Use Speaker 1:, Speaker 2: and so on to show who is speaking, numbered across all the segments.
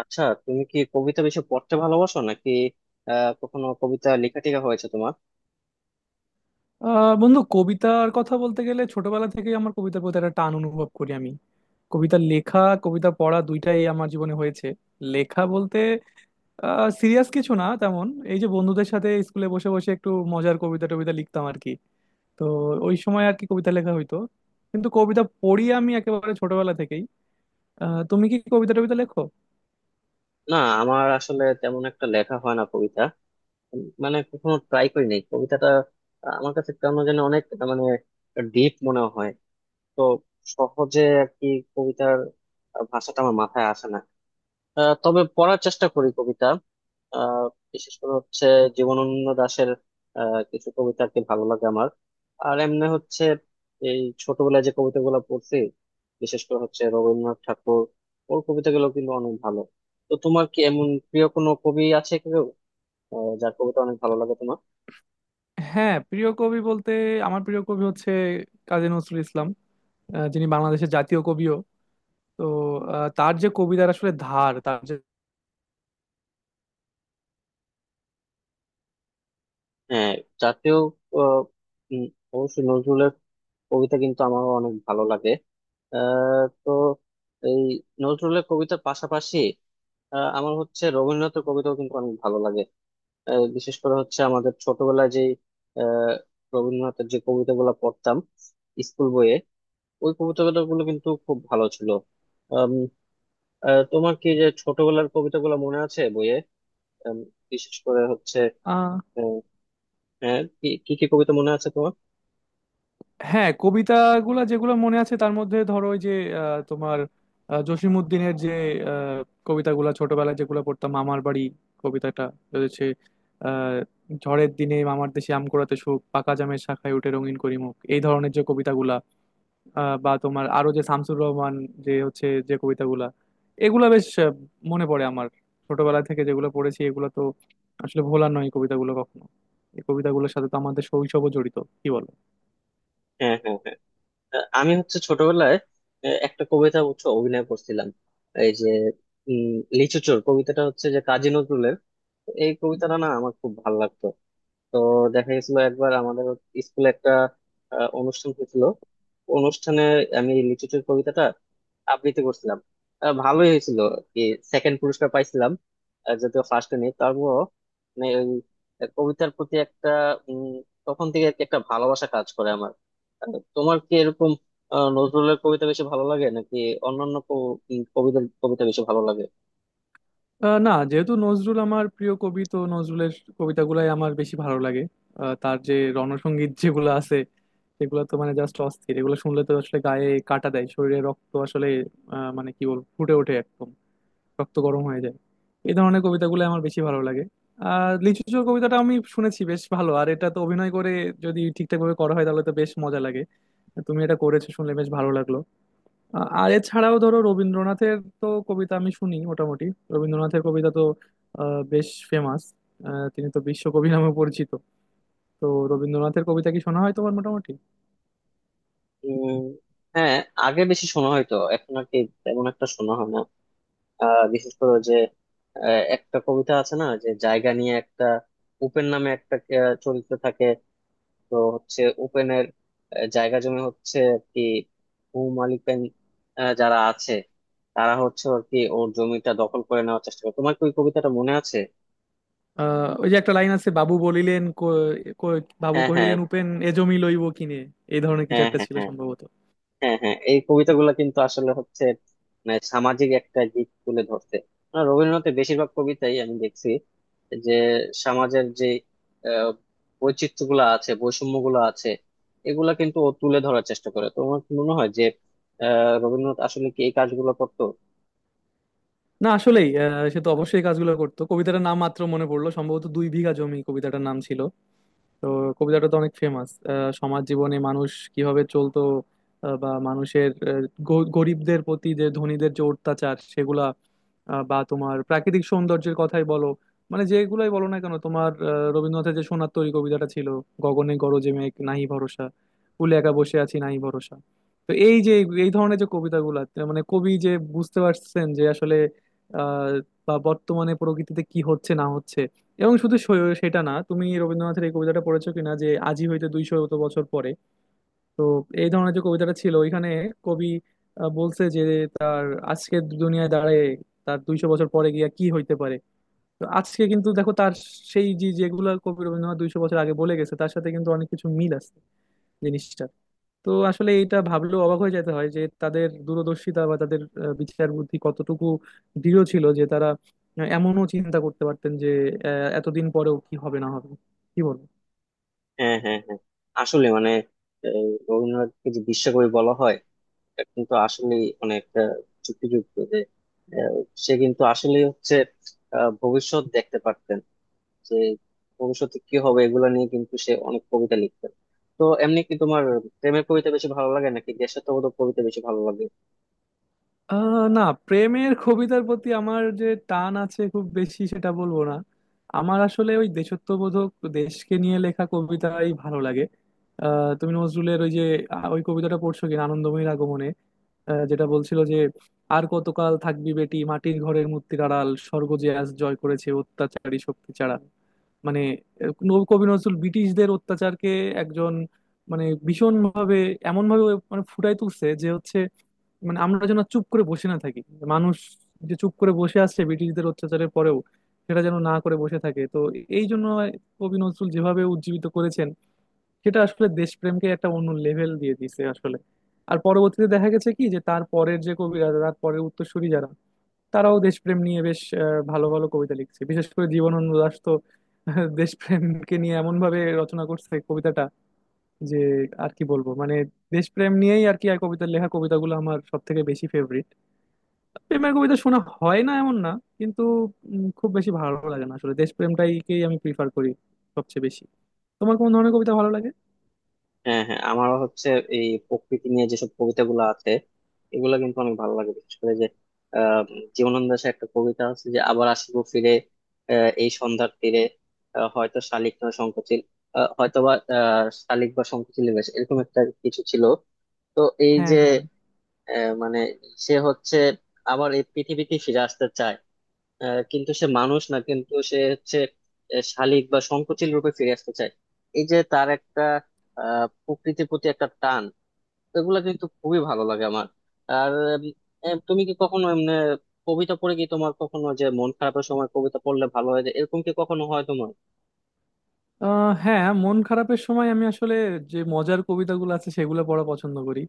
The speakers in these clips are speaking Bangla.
Speaker 1: আচ্ছা, তুমি কি কবিতা বেশি পড়তে ভালোবাসো নাকি? কখনো কবিতা লেখা টেখা হয়েছে তোমার?
Speaker 2: বন্ধু, কবিতার কথা বলতে গেলে ছোটবেলা থেকেই আমার কবিতার প্রতি একটা টান অনুভব করি আমি। কবিতা লেখা কবিতা পড়া দুইটাই আমার জীবনে হয়েছে। লেখা বলতে সিরিয়াস কিছু না তেমন। এই যে বন্ধুদের সাথে স্কুলে বসে বসে একটু মজার কবিতা টবিতা লিখতাম আর কি। তো ওই সময় আর কি কবিতা লেখা হইতো। কিন্তু কবিতা পড়ি আমি একেবারে ছোটবেলা থেকেই। তুমি কি কবিতা টবিতা লেখো?
Speaker 1: না, আমার আসলে তেমন একটা লেখা হয় না কবিতা। মানে কখনো ট্রাই করি নাই কবিতাটা। আমার কাছে কেন যেন অনেক মানে ডিপ মনে হয়। তো সহজে আর কি কবিতার ভাষাটা আমার মাথায় আসে না। তবে পড়ার চেষ্টা করি কবিতা। আহ বিশেষ করে হচ্ছে জীবনানন্দ দাশের কিছু কবিতা আর কি ভালো লাগে আমার। আর এমনি হচ্ছে এই ছোটবেলায় যে কবিতাগুলো পড়ছি, বিশেষ করে হচ্ছে রবীন্দ্রনাথ ঠাকুর, ওর কবিতাগুলো কিন্তু অনেক ভালো। তো তোমার কি এমন প্রিয় কোনো কবি আছে কেউ, যার কবিতা অনেক ভালো লাগে তোমার?
Speaker 2: হ্যাঁ, প্রিয় কবি বলতে আমার প্রিয় কবি হচ্ছে কাজী নজরুল ইসলাম। যিনি বাংলাদেশের জাতীয় কবিও। তো তার যে কবিতার আসলে ধার তার যে,
Speaker 1: হ্যাঁ, জাতীয়। আহ, উম, অবশ্যই নজরুলের কবিতা কিন্তু আমারও অনেক ভালো লাগে। তো এই নজরুলের কবিতার পাশাপাশি আমার হচ্ছে রবীন্দ্রনাথের কবিতাও কিন্তু অনেক ভালো লাগে। বিশেষ করে হচ্ছে আমাদের ছোটবেলায় যে আহ, রবীন্দ্রনাথের যে কবিতাগুলো পড়তাম স্কুল বইয়ে, ওই কবিতাগুলো কিন্তু খুব ভালো ছিল। আম, তোমার কি যে ছোটবেলার কবিতাগুলো মনে আছে বইয়ে? আম, বিশেষ করে হচ্ছে
Speaker 2: আহ,
Speaker 1: আহ, হ্যাঁ, কি কি কি কবিতা মনে আছে তোমার?
Speaker 2: হ্যাঁ কবিতাগুলো যেগুলো মনে আছে তার মধ্যে ধরো ওই যে তোমার জসিমউদ্দিনের যে আহ, কবিতাগুলো ছোটবেলায় যেগুলো পড়তাম, মামার বাড়ি কবিতাটা রয়েছে। আহ, ঝড়ের দিনে মামার দেশে আম কুড়াতে সুখ, পাকা জামের শাখায় উঠে রঙিন করি মুখ — এই ধরনের যে কবিতাগুলা। বা তোমার আরো যে শামসুর রহমান যে হচ্ছে যে কবিতাগুলা, এগুলা বেশ মনে পড়ে আমার। ছোটবেলা থেকে যেগুলো পড়েছি এগুলো তো আসলে ভোলার নয় এই কবিতাগুলো কখনো। এই কবিতাগুলোর সাথে তো আমাদের শৈশবও জড়িত, কি বলো?
Speaker 1: হ্যাঁ, হ্যাঁ, হ্যাঁ। আমি হচ্ছে ছোটবেলায় একটা কবিতা হচ্ছে অভিনয় করছিলাম। এই যে উম লিচু চোর কবিতাটা হচ্ছে যে কাজী নজরুলের। এই কবিতাটা না আমার খুব ভালো লাগতো। তো দেখা গেছিল একবার আমাদের স্কুলে একটা অনুষ্ঠান হয়েছিল। অনুষ্ঠানে আমি লিচুচোর কবিতাটা আবৃত্তি করছিলাম। ভালোই হয়েছিল। কি, সেকেন্ড পুরস্কার পাইছিলাম। যদিও ফার্স্টে নেই, তারপরও মানে ওই কবিতার প্রতি একটা উম, তখন থেকে আর কি একটা ভালোবাসা কাজ করে আমার। তোমার কি এরকম নজরুলের কবিতা বেশি ভালো লাগে নাকি অন্যান্য কবিতার কবিতা বেশি ভালো লাগে?
Speaker 2: না, যেহেতু নজরুল আমার প্রিয় কবি তো নজরুলের কবিতাগুলাই আমার বেশি ভালো লাগে। তার যে রণসঙ্গীত যেগুলো আছে সেগুলো তো মানে জাস্ট অস্থির, এগুলো শুনলে তো আসলে গায়ে কাটা দেয়, শরীরে রক্ত আসলে মানে কি বলবো ফুটে ওঠে একদম, রক্ত গরম হয়ে যায়। এই ধরনের কবিতাগুলো আমার বেশি ভালো লাগে। আর লিচু চোর কবিতাটা আমি শুনেছি বেশ ভালো, আর এটা তো অভিনয় করে যদি ঠিকঠাক ভাবে করা হয় তাহলে তো বেশ মজা লাগে। তুমি এটা করেছো শুনলে বেশ ভালো লাগলো। আর এছাড়াও ধরো রবীন্দ্রনাথের তো কবিতা আমি শুনি মোটামুটি। রবীন্দ্রনাথের কবিতা তো বেশ ফেমাস, তিনি তো বিশ্বকবি নামে পরিচিত। তো রবীন্দ্রনাথের কবিতা কি শোনা হয় তোমার মোটামুটি?
Speaker 1: উম হ্যাঁ, আগে বেশি শোনা হয়তো এখন আর কি তেমন একটা শোনা হয় না। বিশেষ করে ওই যে একটা কবিতা আছে না, যে জায়গা নিয়ে একটা উপেন নামে একটা চরিত্র থাকে। তো হচ্ছে উপেনের জায়গা জমি হচ্ছে আর কি, ভূমালিকেন যারা আছে, তারা হচ্ছে আর কি ওর জমিটা দখল করে নেওয়ার চেষ্টা করে। তোমার কি ওই কবিতাটা মনে আছে?
Speaker 2: ওই যে একটা লাইন আছে, বাবু বলিলেন ক- ক- বাবু
Speaker 1: হ্যাঁ, হ্যাঁ,
Speaker 2: কহিলেন, উপেন এ জমি লইব কিনে। এই ধরনের কিছু
Speaker 1: হ্যাঁ,
Speaker 2: একটা
Speaker 1: হ্যাঁ,
Speaker 2: ছিল
Speaker 1: হ্যাঁ,
Speaker 2: সম্ভবত।
Speaker 1: হ্যাঁ, হ্যাঁ। এই কবিতাগুলো কিন্তু আসলে হচ্ছে মানে সামাজিক একটা দিক তুলে ধরছে। আর রবীন্দ্রনাথের বেশিরভাগ কবিতাই আমি দেখছি যে সমাজের যে আহ, বৈচিত্র্যগুলো আছে, বৈষম্যগুলো আছে, এগুলা কিন্তু ও তুলে ধরার চেষ্টা করে। তোমার কি মনে হয় যে রবীন্দ্রনাথ আসলে কি এই কাজগুলো করতো?
Speaker 2: না, আসলেই সে তো অবশ্যই এই কাজগুলো করতো। কবিতাটার নাম মাত্র মনে পড়লো, সম্ভবত দুই বিঘা জমি কবিতাটার নাম ছিল। তো কবিতাটা তো অনেক ফেমাস। সমাজ জীবনে মানুষ কিভাবে চলতো, বা মানুষের গরিবদের প্রতি যে ধনীদের যে অত্যাচার সেগুলা, বা তোমার প্রাকৃতিক সৌন্দর্যের কথাই বলো, মানে যেগুলাই বলো না কেন তোমার রবীন্দ্রনাথের যে সোনার তরী কবিতাটা ছিল — গগনে গরজে মেঘ, নাহি ভরসা, কূলে একা বসে আছি নাহি ভরসা। তো এই যে এই ধরনের যে কবিতাগুলা মানে কবি যে বুঝতে পারছেন যে আসলে আহ বা বর্তমানে প্রকৃতিতে কি হচ্ছে না হচ্ছে। এবং শুধু সেটা না, তুমি রবীন্দ্রনাথের এই কবিতাটা পড়েছো কিনা যে আজি হইতে 200 বছর পরে? তো এই ধরনের যে কবিতাটা ছিল ওইখানে, কবি বলছে যে তার আজকের দুনিয়ায় দাঁড়ায় তার 200 বছর পরে গিয়া কি হইতে পারে। তো আজকে কিন্তু দেখো তার সেই যে যেগুলো কবি রবীন্দ্রনাথ 200 বছর আগে বলে গেছে তার সাথে কিন্তু অনেক কিছু মিল আছে জিনিসটা। তো আসলে এটা ভাবলেও অবাক হয়ে যেতে হয় যে তাদের দূরদর্শিতা বা তাদের বিচার বুদ্ধি কতটুকু দৃঢ় ছিল, যে তারা এমনও চিন্তা করতে পারতেন যে এতদিন পরেও কি হবে না হবে। কি বলবো।
Speaker 1: হ্যাঁ, হ্যাঁ, হ্যাঁ। আসলে মানে এই রবীন্দ্রনাথকে যে বিশ্বকবি বলা হয়, এটা কিন্তু আসলে অনেক যুক্তিযুক্ত, যে আহ, সে কিন্তু আসলে হচ্ছে ভবিষ্যৎ দেখতে পারতেন, যে ভবিষ্যতে কি হবে এগুলো নিয়ে কিন্তু সে অনেক কবিতা লিখতেন। তো এমনি কি তোমার প্রেমের কবিতা বেশি ভালো লাগে নাকি দেশাত্মবোধক কবিতা বেশি ভালো লাগে?
Speaker 2: না, প্রেমের কবিতার প্রতি আমার যে টান আছে খুব বেশি সেটা বলবো না। আমার আসলে ওই দেশত্ববোধক, দেশকে নিয়ে লেখা কবিতাই ভালো লাগে। তুমি নজরুলের ওই যে ওই কবিতাটা পড়ছো কিনা আনন্দময়ীর আগমনে? যেটা বলছিল যে, আর কতকাল থাকবি বেটি মাটির ঘরের মূর্তির আড়াল, স্বর্গ যে আজ জয় করেছে অত্যাচারী শক্তি ছাড়া। মানে কবি নজরুল ব্রিটিশদের অত্যাচারকে একজন মানে ভীষণ ভাবে, এমন ভাবে মানে ফুটাই তুলছে যে হচ্ছে, মানে আমরা যেন আর চুপ করে বসে না থাকি। মানুষ যে চুপ করে বসে আসছে ব্রিটিশদের অত্যাচারের পরেও, সেটা যেন না করে বসে থাকে। তো এই জন্য কবি নজরুল যেভাবে উজ্জীবিত করেছেন সেটা আসলে দেশপ্রেমকে একটা অন্য লেভেল দিয়ে দিছে আসলে। আর পরবর্তীতে দেখা গেছে কি যে তার পরের যে কবিরা, তার পরের উত্তরসূরি যারা, তারাও দেশপ্রেম নিয়ে বেশ ভালো ভালো কবিতা লিখছে, বিশেষ করে জীবনানন্দ দাশ তো দেশপ্রেমকে নিয়ে এমন ভাবে রচনা করছে কবিতাটা, যে আর কি বলবো মানে, দেশপ্রেম নিয়েই আর কি আর কবিতার লেখা কবিতাগুলো আমার সব থেকে বেশি ফেভারিট। প্রেমের কবিতা শোনা হয় না এমন না, কিন্তু খুব বেশি ভালো লাগে না আসলে, দেশপ্রেমটাইকেই আমি প্রিফার করি সবচেয়ে বেশি। তোমার কোন ধরনের কবিতা ভালো লাগে?
Speaker 1: হ্যাঁ, হ্যাঁ, আমারও হচ্ছে এই প্রকৃতি নিয়ে যেসব কবিতাগুলো আছে এগুলো কিন্তু অনেক ভালো লাগে। বিশেষ করে যে আহ জীবনানন্দ দাশের একটা কবিতা আছে যে, আবার আসিব ফিরে এই সন্ধ্যার তীরে, হয়তো শালিক না সংকোচিল, হয়তো বা শালিক বা সংকোচিল, বেশ এরকম একটা কিছু ছিল। তো এই
Speaker 2: হ্যাঁ,
Speaker 1: যে
Speaker 2: হ্যাঁ।
Speaker 1: মানে সে হচ্ছে আবার এই পৃথিবীতে ফিরে আসতে চায়। কিন্তু সে মানুষ না, কিন্তু সে হচ্ছে শালীক বা সংকুচিল রূপে ফিরে আসতে চায়। এই যে তার একটা প্রকৃতির প্রতি একটা টান, এগুলা কিন্তু খুবই ভালো লাগে আমার। আর উম, তুমি কি কখনো এমনি কবিতা পড়ে কি তোমার কখনো যে মন খারাপের সময় কবিতা পড়লে ভালো হয়ে যায়, এরকম কি কখনো হয় তোমার?
Speaker 2: হ্যাঁ, মন খারাপের সময় আমি আসলে যে মজার কবিতাগুলো আছে সেগুলো পড়া পছন্দ করি।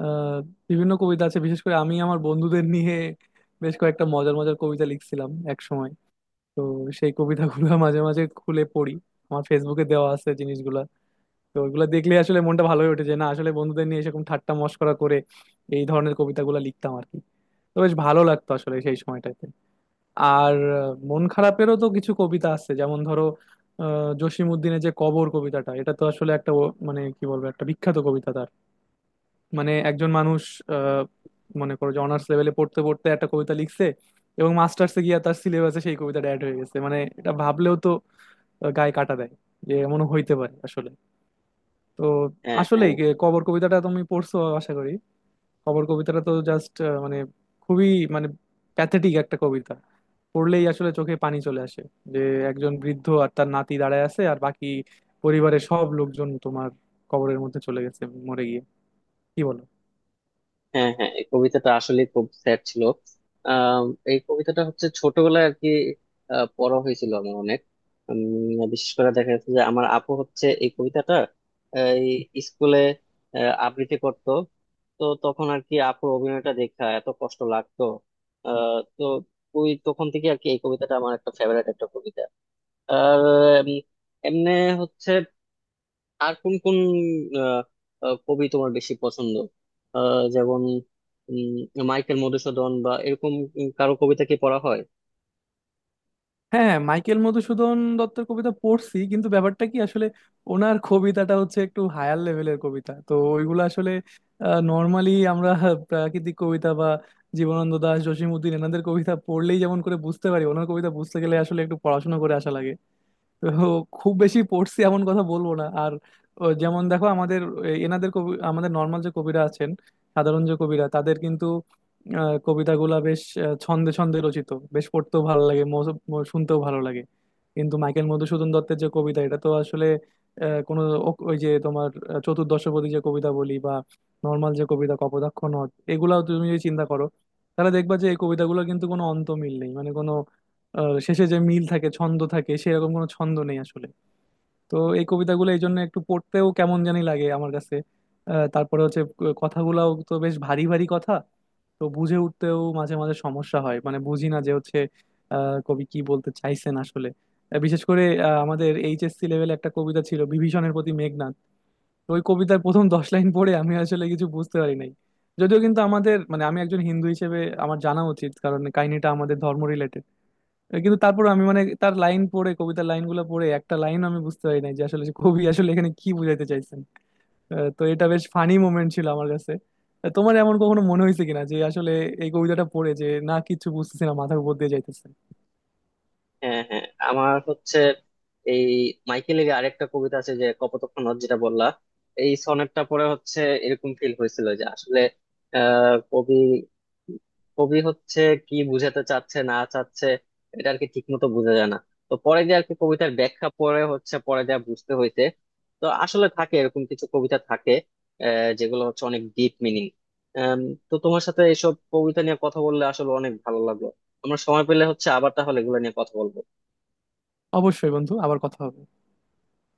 Speaker 2: আহ বিভিন্ন কবিতা আছে, বিশেষ করে আমি আমার বন্ধুদের নিয়ে বেশ কয়েকটা মজার মজার কবিতা লিখছিলাম এক সময়। তো সেই কবিতাগুলো মাঝে মাঝে খুলে পড়ি, আমার ফেসবুকে দেওয়া আছে জিনিসগুলা। তো ওইগুলো দেখলে আসলে মনটা ভালো হয়ে ওঠে, যে না আসলে বন্ধুদের নিয়ে এরকম ঠাট্টা মশকরা করে এই ধরনের কবিতাগুলো লিখতাম আর কি। তো বেশ ভালো লাগতো আসলে সেই সময়টায়। আর মন খারাপেরও তো কিছু কবিতা আছে যেমন ধরো জসিম উদ্দিনের যে কবর কবিতাটা, এটা তো আসলে একটা মানে কি বলবো একটা বিখ্যাত কবিতা তার। মানে একজন মানুষ আহ মনে করো যে অনার্স লেভেলে পড়তে পড়তে একটা কবিতা লিখছে, এবং মাস্টার্সে গিয়ে তার সিলেবাসে সেই কবিতাটা অ্যাড হয়ে গেছে, মানে এটা ভাবলেও তো গায়ে কাটা দেয় যে এমন হইতে পারে আসলে। তো
Speaker 1: হ্যাঁ, হ্যাঁ,
Speaker 2: আসলেই কবর কবিতাটা তুমি পড়ছো আশা করি। খবর কবিতাটা তো জাস্ট মানে খুবই মানে প্যাথেটিক একটা কবিতা, পড়লেই আসলে চোখে পানি চলে আসে। যে একজন বৃদ্ধ আর তার নাতি দাঁড়ায় আছে, আর বাকি পরিবারের সব লোকজন তোমার কবরের মধ্যে চলে গেছে মরে গিয়ে। কি বলো?
Speaker 1: হ্যাঁ, হ্যাঁ। এই কবিতাটা আসলে খুব স্যাড ছিল। আম, এই কবিতাটা হচ্ছে ছোটবেলায় আর কি পড়া হয়েছিল আমার অনেক। বিশেষ করে দেখা যাচ্ছে যে আমার আপু হচ্ছে এই কবিতাটা আহ, এই স্কুলে আবৃত্তি করত। তো তখন আর কি আপুর অভিনয়টা দেখা এত কষ্ট লাগতো। তো ওই তখন থেকে আর কি এই কবিতাটা আমার একটা ফেভারিট একটা কবিতা। আর এমনি হচ্ছে আর কোন কোন আহ, আহ, কবি তোমার বেশি পছন্দ? যেমন উম, মাইকেল মধুসূদন বা এরকম কারো কবিতা কি পড়া হয়?
Speaker 2: হ্যাঁ, মাইকেল মধুসূদন দত্তের কবিতা পড়ছি, কিন্তু ব্যাপারটা কি আসলে, ওনার কবিতাটা হচ্ছে একটু হায়ার লেভেলের কবিতা, তো ওইগুলো আসলে নর্মালি আমরা প্রাকৃতিক কবিতা বা জীবনানন্দ দাশ, জসিম উদ্দিন এনাদের কবিতা পড়লেই যেমন করে বুঝতে পারি, ওনার কবিতা বুঝতে গেলে আসলে একটু পড়াশোনা করে আসা লাগে। তো খুব বেশি পড়ছি এমন কথা বলবো না আর। ও যেমন দেখো আমাদের এনাদের কবি, আমাদের নর্মাল যে কবিরা আছেন, সাধারণ যে কবিরা তাদের কিন্তু কবিতাগুলা বেশ ছন্দে ছন্দে রচিত, বেশ পড়তেও ভালো লাগে শুনতেও ভালো লাগে। কিন্তু মাইকেল মধুসূদন দত্তের যে কবিতা, এটা তো আসলে কোনো ওই যে তোমার চতুর্দশপদী যে কবিতা বলি, বা নর্মাল যে কবিতা কপোতাক্ষ নদ, এগুলাও তুমি যদি চিন্তা করো তাহলে দেখবা যে এই কবিতাগুলো কিন্তু কোনো অন্ত মিল নেই, মানে শেষে যে মিল থাকে ছন্দ থাকে সেরকম কোনো ছন্দ নেই আসলে। তো এই কবিতাগুলো এই জন্য একটু পড়তেও কেমন জানি লাগে আমার কাছে। তারপরে হচ্ছে কথাগুলাও তো বেশ ভারী ভারী কথা, তো বুঝে উঠতেও মাঝে মাঝে সমস্যা হয়, মানে বুঝি না যে হচ্ছে কবি কি বলতে চাইছেন আসলে। বিশেষ করে আমাদের এইচএসসি লেভেলে একটা কবিতা ছিল বিভীষণের প্রতি মেঘনাদ, তো ওই কবিতার প্রথম 10 লাইন পড়ে আমি আসলে কিছু বুঝতে পারি নাই, যদিও কিন্তু আমাদের মানে আমি একজন হিন্দু হিসেবে আমার জানা উচিত কারণ কাহিনীটা আমাদের ধর্ম রিলেটেড। কিন্তু তারপর আমি, মানে তার লাইন পড়ে কবিতার লাইনগুলো পড়ে একটা লাইন আমি বুঝতে পারি নাই যে আসলে সে কবি আসলে এখানে কি বুঝাইতে চাইছেন। তো এটা বেশ ফানি মোমেন্ট ছিল আমার কাছে। তোমার এমন কখনো মনে হয়েছে কিনা যে আসলে এই কবিতাটা পড়ে যে না কিছু বুঝতেছি না, মাথার উপর দিয়ে যাইতেছে?
Speaker 1: হ্যাঁ, হ্যাঁ, আমার হচ্ছে এই মাইকেলের আরেকটা কবিতা আছে যে কপোতাক্ষ নদ, যেটা বললা। এই সনেটটা পরে হচ্ছে এরকম ফিল হয়েছিল যে আসলে কবি কবি হচ্ছে কি বুঝাতে চাচ্ছে না চাচ্ছে, এটা আর কি ঠিক মতো বোঝা যায় না। তো পরে যে আর কি কবিতার ব্যাখ্যা পরে হচ্ছে পরে যা বুঝতে হইতে। তো আসলে থাকে এরকম কিছু কবিতা থাকে, যেগুলো হচ্ছে অনেক ডিপ মিনিং। তো তোমার সাথে এসব কবিতা নিয়ে কথা বললে আসলে অনেক ভালো লাগলো। আমরা সময় পেলে হচ্ছে আবার তাহলে এগুলো নিয়ে কথা বলবো।
Speaker 2: অবশ্যই বন্ধু, আবার কথা হবে।